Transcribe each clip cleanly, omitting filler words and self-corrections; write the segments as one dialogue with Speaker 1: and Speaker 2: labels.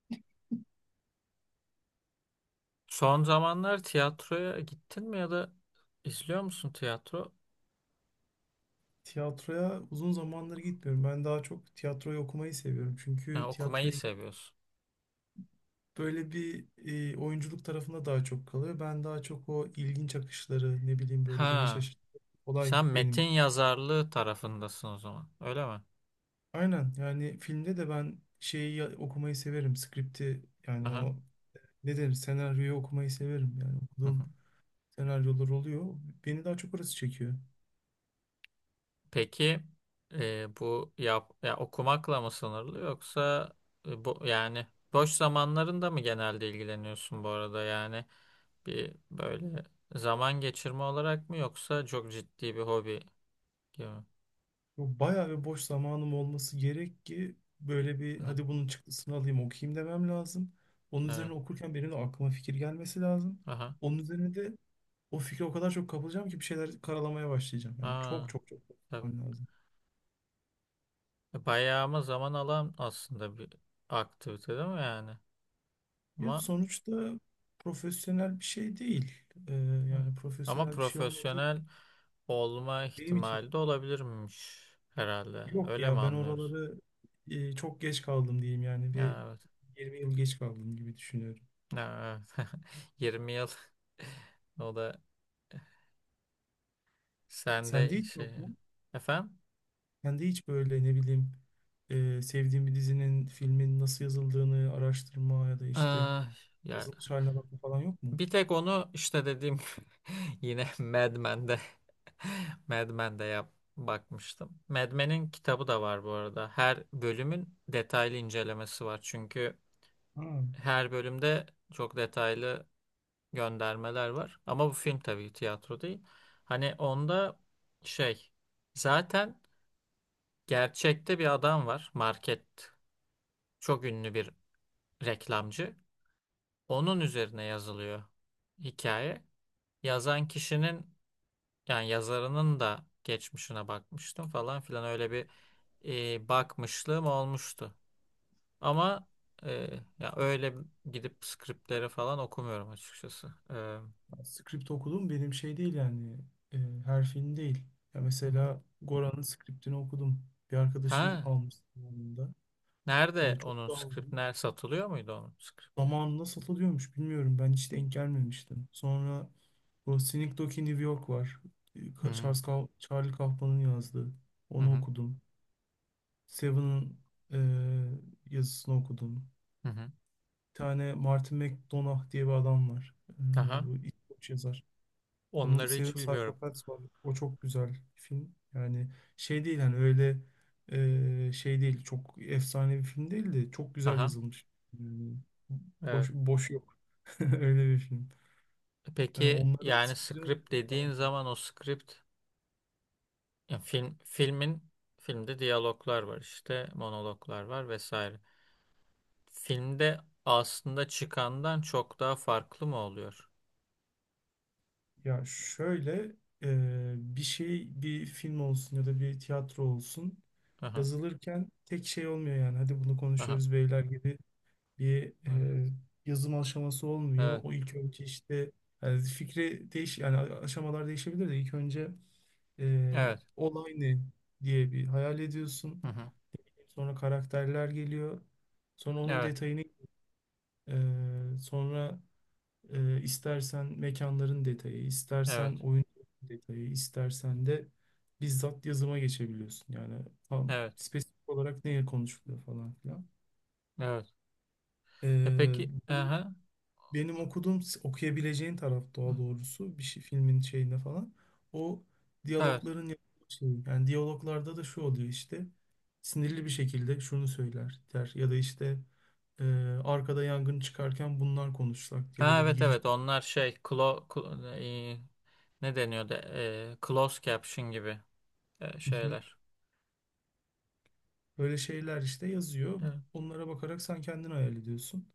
Speaker 1: Son zamanlar tiyatroya gittin mi ya da izliyor musun tiyatro?
Speaker 2: Tiyatroya uzun zamandır gitmiyorum. Ben daha çok tiyatroyu okumayı seviyorum.
Speaker 1: Ha,
Speaker 2: Çünkü
Speaker 1: okumayı
Speaker 2: tiyatroya
Speaker 1: seviyorsun.
Speaker 2: böyle bir oyunculuk tarafında daha çok kalıyor. Ben daha çok o ilginç akışları, ne bileyim böyle beni
Speaker 1: Ha,
Speaker 2: şaşırtan olay
Speaker 1: sen
Speaker 2: benim.
Speaker 1: metin yazarlığı tarafındasın o zaman. Öyle mi?
Speaker 2: Aynen, yani filmde de ben okumayı severim. Skripti, yani
Speaker 1: Aha.
Speaker 2: o ne denir, senaryoyu okumayı severim. Yani
Speaker 1: Hı hı.
Speaker 2: okuduğum senaryolar oluyor. Beni daha çok orası çekiyor.
Speaker 1: Peki ya okumakla mı sınırlı yoksa e, bu yani boş zamanlarında mı genelde ilgileniyorsun bu arada? Yani bir böyle zaman geçirme olarak mı yoksa çok ciddi bir hobi gibi mi?
Speaker 2: Bu bayağı bir boş zamanım olması gerek ki böyle bir
Speaker 1: Aha.
Speaker 2: hadi bunun çıktısını alayım okuyayım demem lazım. Onun
Speaker 1: Evet.
Speaker 2: üzerine okurken benim de aklıma fikir gelmesi lazım.
Speaker 1: Aha.
Speaker 2: Onun üzerine de o fikre o kadar çok kapılacağım ki bir şeyler karalamaya başlayacağım. Yani çok
Speaker 1: Aa,
Speaker 2: çok çok
Speaker 1: tabii.
Speaker 2: zaman lazım.
Speaker 1: Bayağı ama zaman alan aslında bir aktivite değil mi yani?
Speaker 2: Ya
Speaker 1: Ama
Speaker 2: sonuçta profesyonel bir şey değil. Ee,
Speaker 1: evet.
Speaker 2: Yani
Speaker 1: Ama
Speaker 2: profesyonel bir şey olmadığı
Speaker 1: profesyonel olma
Speaker 2: benim için,
Speaker 1: ihtimali de olabilirmiş herhalde.
Speaker 2: yok
Speaker 1: Öyle mi
Speaker 2: ya, ben
Speaker 1: anlıyoruz?
Speaker 2: oraları çok geç kaldım diyeyim yani bir
Speaker 1: Ya evet.
Speaker 2: 20 yıl geç kaldım gibi düşünüyorum.
Speaker 1: Ya evet. 20 yıl o da
Speaker 2: Sende
Speaker 1: sende
Speaker 2: hiç
Speaker 1: şey
Speaker 2: yok mu?
Speaker 1: efendim?
Speaker 2: Sende hiç böyle, ne bileyim, sevdiğin bir dizinin, filmin nasıl yazıldığını araştırma ya da
Speaker 1: Ee,
Speaker 2: işte
Speaker 1: ya
Speaker 2: yazılmış haline bakma falan yok mu?
Speaker 1: Bir tek onu işte dediğim yine Mad Men'de Mad Men'de bakmıştım. Mad Men'in kitabı da var bu arada. Her bölümün detaylı incelemesi var. Çünkü
Speaker 2: Ha,
Speaker 1: her bölümde çok detaylı göndermeler var. Ama bu film tabii tiyatro değil. Hani onda şey zaten gerçekte bir adam var. Market çok ünlü bir reklamcı. Onun üzerine yazılıyor hikaye. Yazan kişinin, yani yazarının da geçmişine bakmıştım falan filan, öyle bir bakmışlığım olmuştu. Ama e, ya öyle gidip skriptleri falan okumuyorum açıkçası. Hı
Speaker 2: ben script okudum, benim şey değil yani, e, her film değil. Ya
Speaker 1: hı.
Speaker 2: mesela Goran'ın scriptini okudum. Bir arkadaşım
Speaker 1: Ha,
Speaker 2: almıştı zamanında. E,
Speaker 1: nerede
Speaker 2: çok
Speaker 1: onun
Speaker 2: da
Speaker 1: skript
Speaker 2: aldım.
Speaker 1: ner satılıyor muydu onun skripti?
Speaker 2: Zamanında satılıyormuş, bilmiyorum, ben hiç denk gelmemiştim. Sonra bu Sneak Doggy New York var.
Speaker 1: Hı
Speaker 2: Charlie Kaufman'ın yazdığı.
Speaker 1: hı hı
Speaker 2: Onu
Speaker 1: hı.
Speaker 2: okudum. Seven'ın yazısını okudum.
Speaker 1: Hı.
Speaker 2: Bir tane Martin McDonagh diye bir adam var.
Speaker 1: Aha.
Speaker 2: Bu İskoç yazar. Onun
Speaker 1: Onları hiç
Speaker 2: Seven
Speaker 1: bilmiyorum.
Speaker 2: Psychopaths var. O çok güzel bir film. Yani şey değil hani öyle, şey değil. Çok efsane bir film değil de çok güzel
Speaker 1: Aha.
Speaker 2: yazılmış. Yani
Speaker 1: Evet.
Speaker 2: boş, boş yok. Öyle bir film. Yani
Speaker 1: Peki
Speaker 2: onların...
Speaker 1: yani script dediğin zaman o script ya filmin filmde diyaloglar var işte, monologlar var vesaire. Filmde aslında çıkandan çok daha farklı mı oluyor?
Speaker 2: Ya şöyle, e, bir şey, bir film olsun ya da bir tiyatro olsun,
Speaker 1: Aha,
Speaker 2: yazılırken tek şey olmuyor yani hadi bunu
Speaker 1: aha,
Speaker 2: konuşuyoruz beyler gibi bir
Speaker 1: evet,
Speaker 2: yazım aşaması olmuyor.
Speaker 1: evet,
Speaker 2: O ilk önce işte, yani fikri değiş, aşamalar değişebilir de ilk önce e,
Speaker 1: evet,
Speaker 2: olay ne diye bir hayal ediyorsun.
Speaker 1: hı hı,
Speaker 2: Sonra karakterler geliyor. Sonra onun
Speaker 1: evet,
Speaker 2: detayını, sonra istersen mekanların detayı,
Speaker 1: evet,
Speaker 2: istersen oyun detayı, istersen de bizzat yazıma geçebiliyorsun. Yani tam
Speaker 1: evet,
Speaker 2: spesifik olarak neye konuşuluyor falan filan.
Speaker 1: evet.
Speaker 2: E,
Speaker 1: E peki,
Speaker 2: Bu
Speaker 1: aha,
Speaker 2: benim okuduğum, okuyabileceğin taraf daha doğrusu bir şey, filmin şeyinde falan. O
Speaker 1: evet,
Speaker 2: diyalogların yapıldığı şey. Yani diyaloglarda da şu oluyor işte. Sinirli bir şekilde şunu söyler der ya da işte e, arkada yangın çıkarken bunlar konuşsak diye
Speaker 1: ha,
Speaker 2: böyle bir
Speaker 1: evet,
Speaker 2: giriş.
Speaker 1: evet. Onlar şey, e, ne deniyordu? Closed caption gibi şeyler.
Speaker 2: Böyle şeyler işte yazıyor.
Speaker 1: Evet.
Speaker 2: Onlara bakarak sen kendin hayal ediyorsun.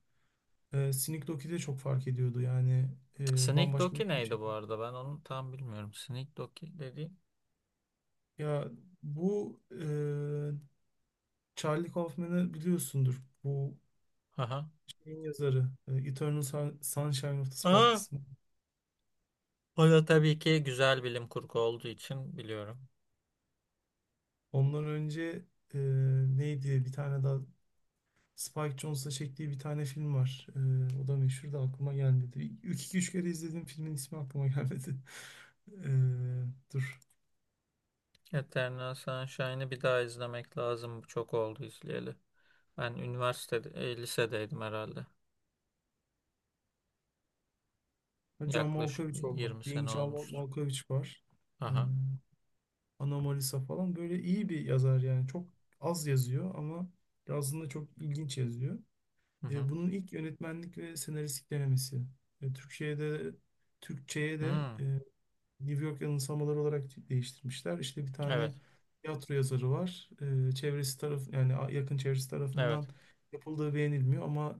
Speaker 2: Sneak Doki de çok fark ediyordu. Yani
Speaker 1: Sneak
Speaker 2: bambaşka bir
Speaker 1: Doki
Speaker 2: film
Speaker 1: neydi bu
Speaker 2: çekti.
Speaker 1: arada? Ben onu tam bilmiyorum. Sneak Doki dediğim.
Speaker 2: Ya bu, Charlie Kaufman'ı biliyorsundur. Bu
Speaker 1: Aha.
Speaker 2: şeyin yazarı. Sunshine of the
Speaker 1: Aa,
Speaker 2: Spotless Mind.
Speaker 1: o da tabii ki güzel bilim kurgu olduğu için biliyorum.
Speaker 2: Ondan önce e, neydi? Bir tane daha, Spike Jonze'la çektiği bir tane film var. O da meşhur da aklıma gelmedi. İlk iki üç kere izlediğim filmin ismi aklıma gelmedi. E, Dur,
Speaker 1: Eternal Sunshine'ı bir daha izlemek lazım. Çok oldu izleyeli. Ben üniversitede, lisedeydim herhalde.
Speaker 2: John
Speaker 1: Yaklaşık
Speaker 2: Malkovich
Speaker 1: bir 20
Speaker 2: olmak.
Speaker 1: sene olmuştu.
Speaker 2: Malkovich var. Ee,
Speaker 1: Aha.
Speaker 2: Anomalisa falan. Böyle iyi bir yazar yani. Çok az yazıyor ama yazında çok ilginç yazıyor.
Speaker 1: Hı hı.
Speaker 2: Bunun ilk yönetmenlik ve senaristlik denemesi. Ee, Türkçe'de Türkçe'ye de
Speaker 1: Hmm.
Speaker 2: New York Yanılsamaları olarak değiştirmişler. İşte bir
Speaker 1: Evet.
Speaker 2: tane tiyatro yazarı var. Çevresi taraf yani, yakın çevresi tarafından
Speaker 1: Evet.
Speaker 2: yapıldığı beğenilmiyor ama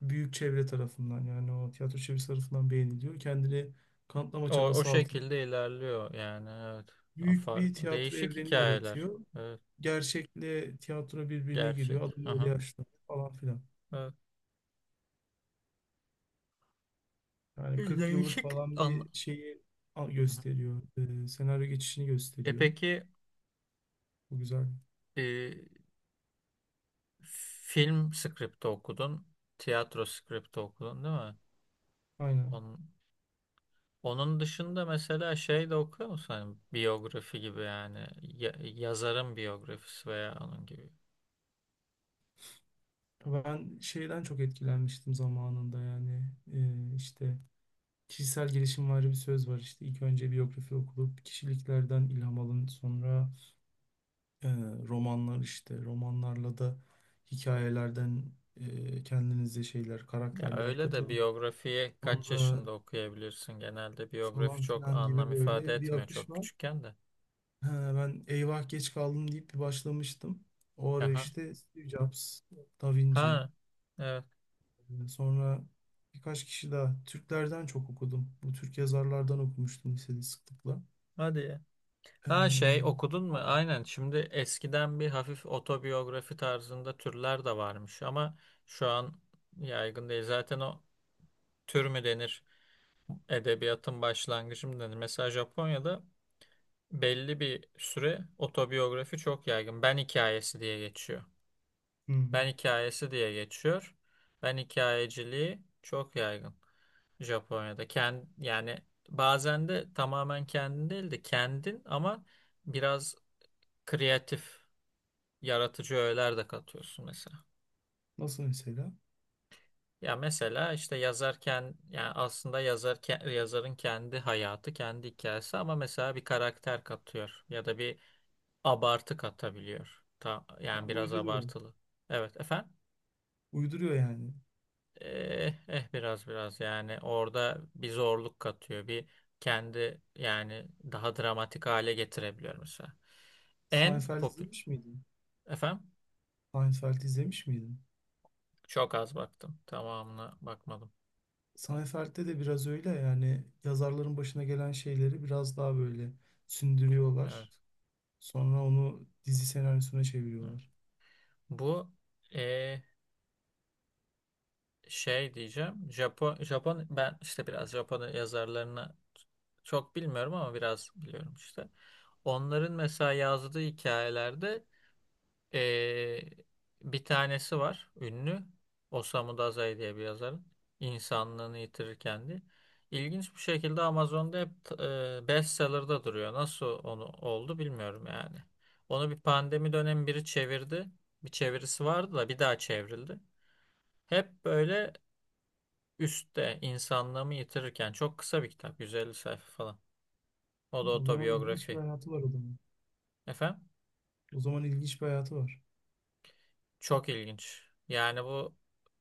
Speaker 2: büyük çevre tarafından, yani o tiyatro çevresi tarafından beğeniliyor. Kendini kanıtlama
Speaker 1: O, o
Speaker 2: çabası altında.
Speaker 1: şekilde ilerliyor yani. Evet.
Speaker 2: Büyük
Speaker 1: Afar.
Speaker 2: bir tiyatro
Speaker 1: Değişik
Speaker 2: evreni
Speaker 1: hikayeler.
Speaker 2: yaratıyor.
Speaker 1: Evet.
Speaker 2: Gerçekle tiyatro birbirine giriyor.
Speaker 1: Gerçek.
Speaker 2: Adam öyle
Speaker 1: Aha.
Speaker 2: yaşlanıyor falan filan.
Speaker 1: Evet.
Speaker 2: Yani 40 yıllık
Speaker 1: Değişik
Speaker 2: falan
Speaker 1: anla.
Speaker 2: bir şeyi
Speaker 1: Hı hı.
Speaker 2: gösteriyor. Senaryo geçişini
Speaker 1: E
Speaker 2: gösteriyor.
Speaker 1: peki,
Speaker 2: Bu güzel.
Speaker 1: e, film skripti okudun. Tiyatro skripti okudun değil mi?
Speaker 2: Aynen.
Speaker 1: Onun... onun dışında mesela şey de okuyor musun? Hani biyografi gibi, yani yazarın biyografisi veya onun gibi.
Speaker 2: Ben şeyden çok etkilenmiştim zamanında yani. İşte kişisel gelişim var, bir söz var işte, ilk önce biyografi okulup kişiliklerden ilham alın, sonra Ee, romanlar, işte romanlarla da hikayelerden kendinize şeyler,
Speaker 1: Ya
Speaker 2: karakterler
Speaker 1: öyle de
Speaker 2: katın,
Speaker 1: biyografiyi kaç
Speaker 2: sonra
Speaker 1: yaşında okuyabilirsin? Genelde biyografi
Speaker 2: falan
Speaker 1: çok
Speaker 2: filan gibi
Speaker 1: anlam ifade
Speaker 2: böyle bir
Speaker 1: etmiyor
Speaker 2: akış
Speaker 1: çok
Speaker 2: var.
Speaker 1: küçükken de.
Speaker 2: He, ben eyvah geç kaldım deyip bir başlamıştım. O ara
Speaker 1: Aha.
Speaker 2: işte Steve Jobs, Da Vinci,
Speaker 1: Ha. Evet.
Speaker 2: sonra birkaç kişi daha. Türklerden çok okudum. Bu Türk yazarlardan okumuştum lisede sıklıkla.
Speaker 1: Hadi ya.
Speaker 2: Ee,
Speaker 1: Ha şey okudun mu?
Speaker 2: bunlar-
Speaker 1: Aynen. Şimdi eskiden bir hafif otobiyografi tarzında türler de varmış ama şu an yaygın değil. Zaten o tür mü denir? Edebiyatın başlangıcı mı denir? Mesela Japonya'da belli bir süre otobiyografi çok yaygın. Ben hikayesi diye geçiyor. Ben
Speaker 2: hmm,
Speaker 1: hikayesi diye geçiyor. Ben hikayeciliği çok yaygın Japonya'da. Kend, yani bazen de tamamen kendin değil de kendin ama biraz kreatif, yaratıcı öğeler de katıyorsun mesela.
Speaker 2: Nasıl mesela?
Speaker 1: Ya mesela işte yazarken, yani aslında yazarın kendi hayatı, kendi hikayesi ama mesela bir karakter katıyor ya da bir abartı katabiliyor. Ta,
Speaker 2: Ya
Speaker 1: yani biraz
Speaker 2: uyduruyor.
Speaker 1: abartılı. Evet efendim.
Speaker 2: Uyduruyor yani.
Speaker 1: Biraz yani orada bir zorluk katıyor. Bir kendi, yani daha dramatik hale getirebiliyor mesela. En
Speaker 2: Seinfeld
Speaker 1: popüler.
Speaker 2: izlemiş miydin?
Speaker 1: Efendim?
Speaker 2: Seinfeld izlemiş miydin?
Speaker 1: Çok az baktım. Tamamına bakmadım.
Speaker 2: Seinfeld'de de biraz öyle, yani yazarların başına gelen şeyleri biraz daha böyle sündürüyorlar.
Speaker 1: Evet.
Speaker 2: Sonra onu dizi senaryosuna
Speaker 1: Evet.
Speaker 2: çeviriyorlar.
Speaker 1: Bu eh, şey diyeceğim. Japon, ben işte biraz Japon yazarlarını çok bilmiyorum ama biraz biliyorum işte. Onların mesela yazdığı hikayelerde Ee, bir tanesi var ünlü. Osamu Dazai diye bir yazarın. İnsanlığını yitirir kendi. İlginç bir şekilde Amazon'da hep bestseller'da duruyor. Nasıl onu oldu bilmiyorum yani. Onu bir pandemi dönemi biri çevirdi. Bir çevirisi vardı da bir daha çevrildi. Hep böyle üstte insanlığımı yitirirken çok kısa bir kitap. 150 sayfa falan. O da
Speaker 2: O zaman ilginç bir
Speaker 1: otobiyografi.
Speaker 2: hayatı var adamın.
Speaker 1: Efendim?
Speaker 2: O zaman ilginç bir hayatı var
Speaker 1: Çok ilginç. Yani bu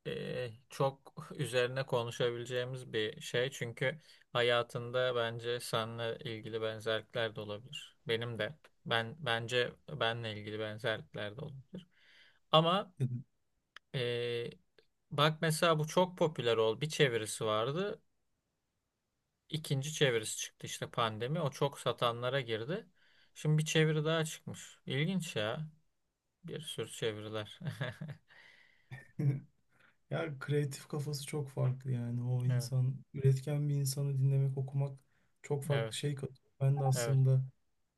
Speaker 1: çok üzerine konuşabileceğimiz bir şey. Çünkü hayatında bence seninle ilgili benzerlikler de olabilir. Benim de. Ben bence benle ilgili benzerlikler de olabilir. Ama
Speaker 2: dedim.
Speaker 1: e, bak mesela bu çok popüler oldu. Bir çevirisi vardı. İkinci çevirisi çıktı işte pandemi. O çok satanlara girdi. Şimdi bir çeviri daha çıkmış. İlginç ya. Bir sürü çeviriler.
Speaker 2: Ya kreatif kafası çok farklı yani. O
Speaker 1: Evet,
Speaker 2: insan, üretken bir insanı dinlemek, okumak çok farklı
Speaker 1: evet,
Speaker 2: şey katıyor. Ben de
Speaker 1: evet.
Speaker 2: aslında,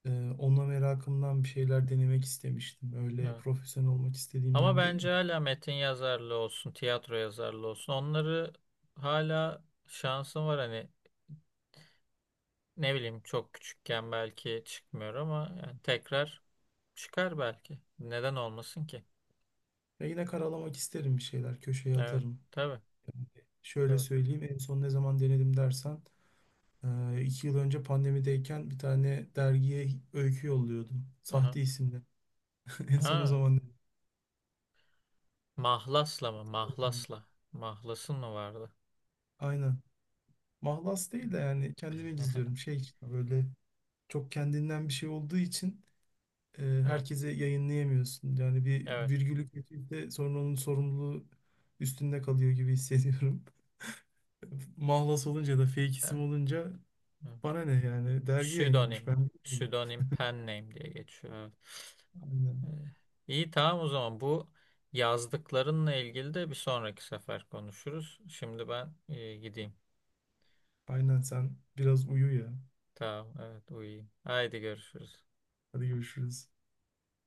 Speaker 2: Onunla merakımdan bir şeyler denemek istemiştim. Öyle
Speaker 1: Evet.
Speaker 2: profesyonel olmak
Speaker 1: Ama
Speaker 2: istediğimden değil.
Speaker 1: bence hala metin yazarlığı olsun, tiyatro yazarlığı olsun. Onları hala şansım var hani, ne bileyim, çok küçükken belki çıkmıyor ama yani tekrar çıkar belki. Neden olmasın ki?
Speaker 2: Ya yine karalamak isterim bir şeyler. Köşeye
Speaker 1: Evet,
Speaker 2: atarım.
Speaker 1: tabii,
Speaker 2: Yani şöyle
Speaker 1: tabii.
Speaker 2: söyleyeyim, en son ne zaman denedim dersen, 2 yıl önce pandemideyken bir tane dergiye öykü yolluyordum.
Speaker 1: Aha.
Speaker 2: Sahte isimle. En son o
Speaker 1: Ha,
Speaker 2: zaman
Speaker 1: mahlasla mı?
Speaker 2: denedim.
Speaker 1: Mahlasla. Mahlasın mı vardı?
Speaker 2: Aynen. Mahlas değil de, yani kendime gizliyorum. Şey işte, böyle çok kendinden bir şey olduğu için
Speaker 1: Evet,
Speaker 2: herkese yayınlayamıyorsun. Yani bir
Speaker 1: evet.
Speaker 2: virgülü kötüyse sonra onun sorumluluğu üstünde kalıyor gibi hissediyorum. Mahlas olunca da, fake
Speaker 1: Evet.
Speaker 2: isim olunca,
Speaker 1: Evet.
Speaker 2: bana ne yani, dergi yayınlamış,
Speaker 1: Pseudonym.
Speaker 2: ben bilmiyorum.
Speaker 1: Pseudonym pen name diye geçiyor. Evet.
Speaker 2: Aynen.
Speaker 1: Ee, İyi tamam o zaman bu yazdıklarınla ilgili de bir sonraki sefer konuşuruz. Şimdi ben gideyim.
Speaker 2: Aynen sen biraz uyu ya.
Speaker 1: Tamam evet, uyuyayım. Haydi görüşürüz.
Speaker 2: Hadi görüşürüz.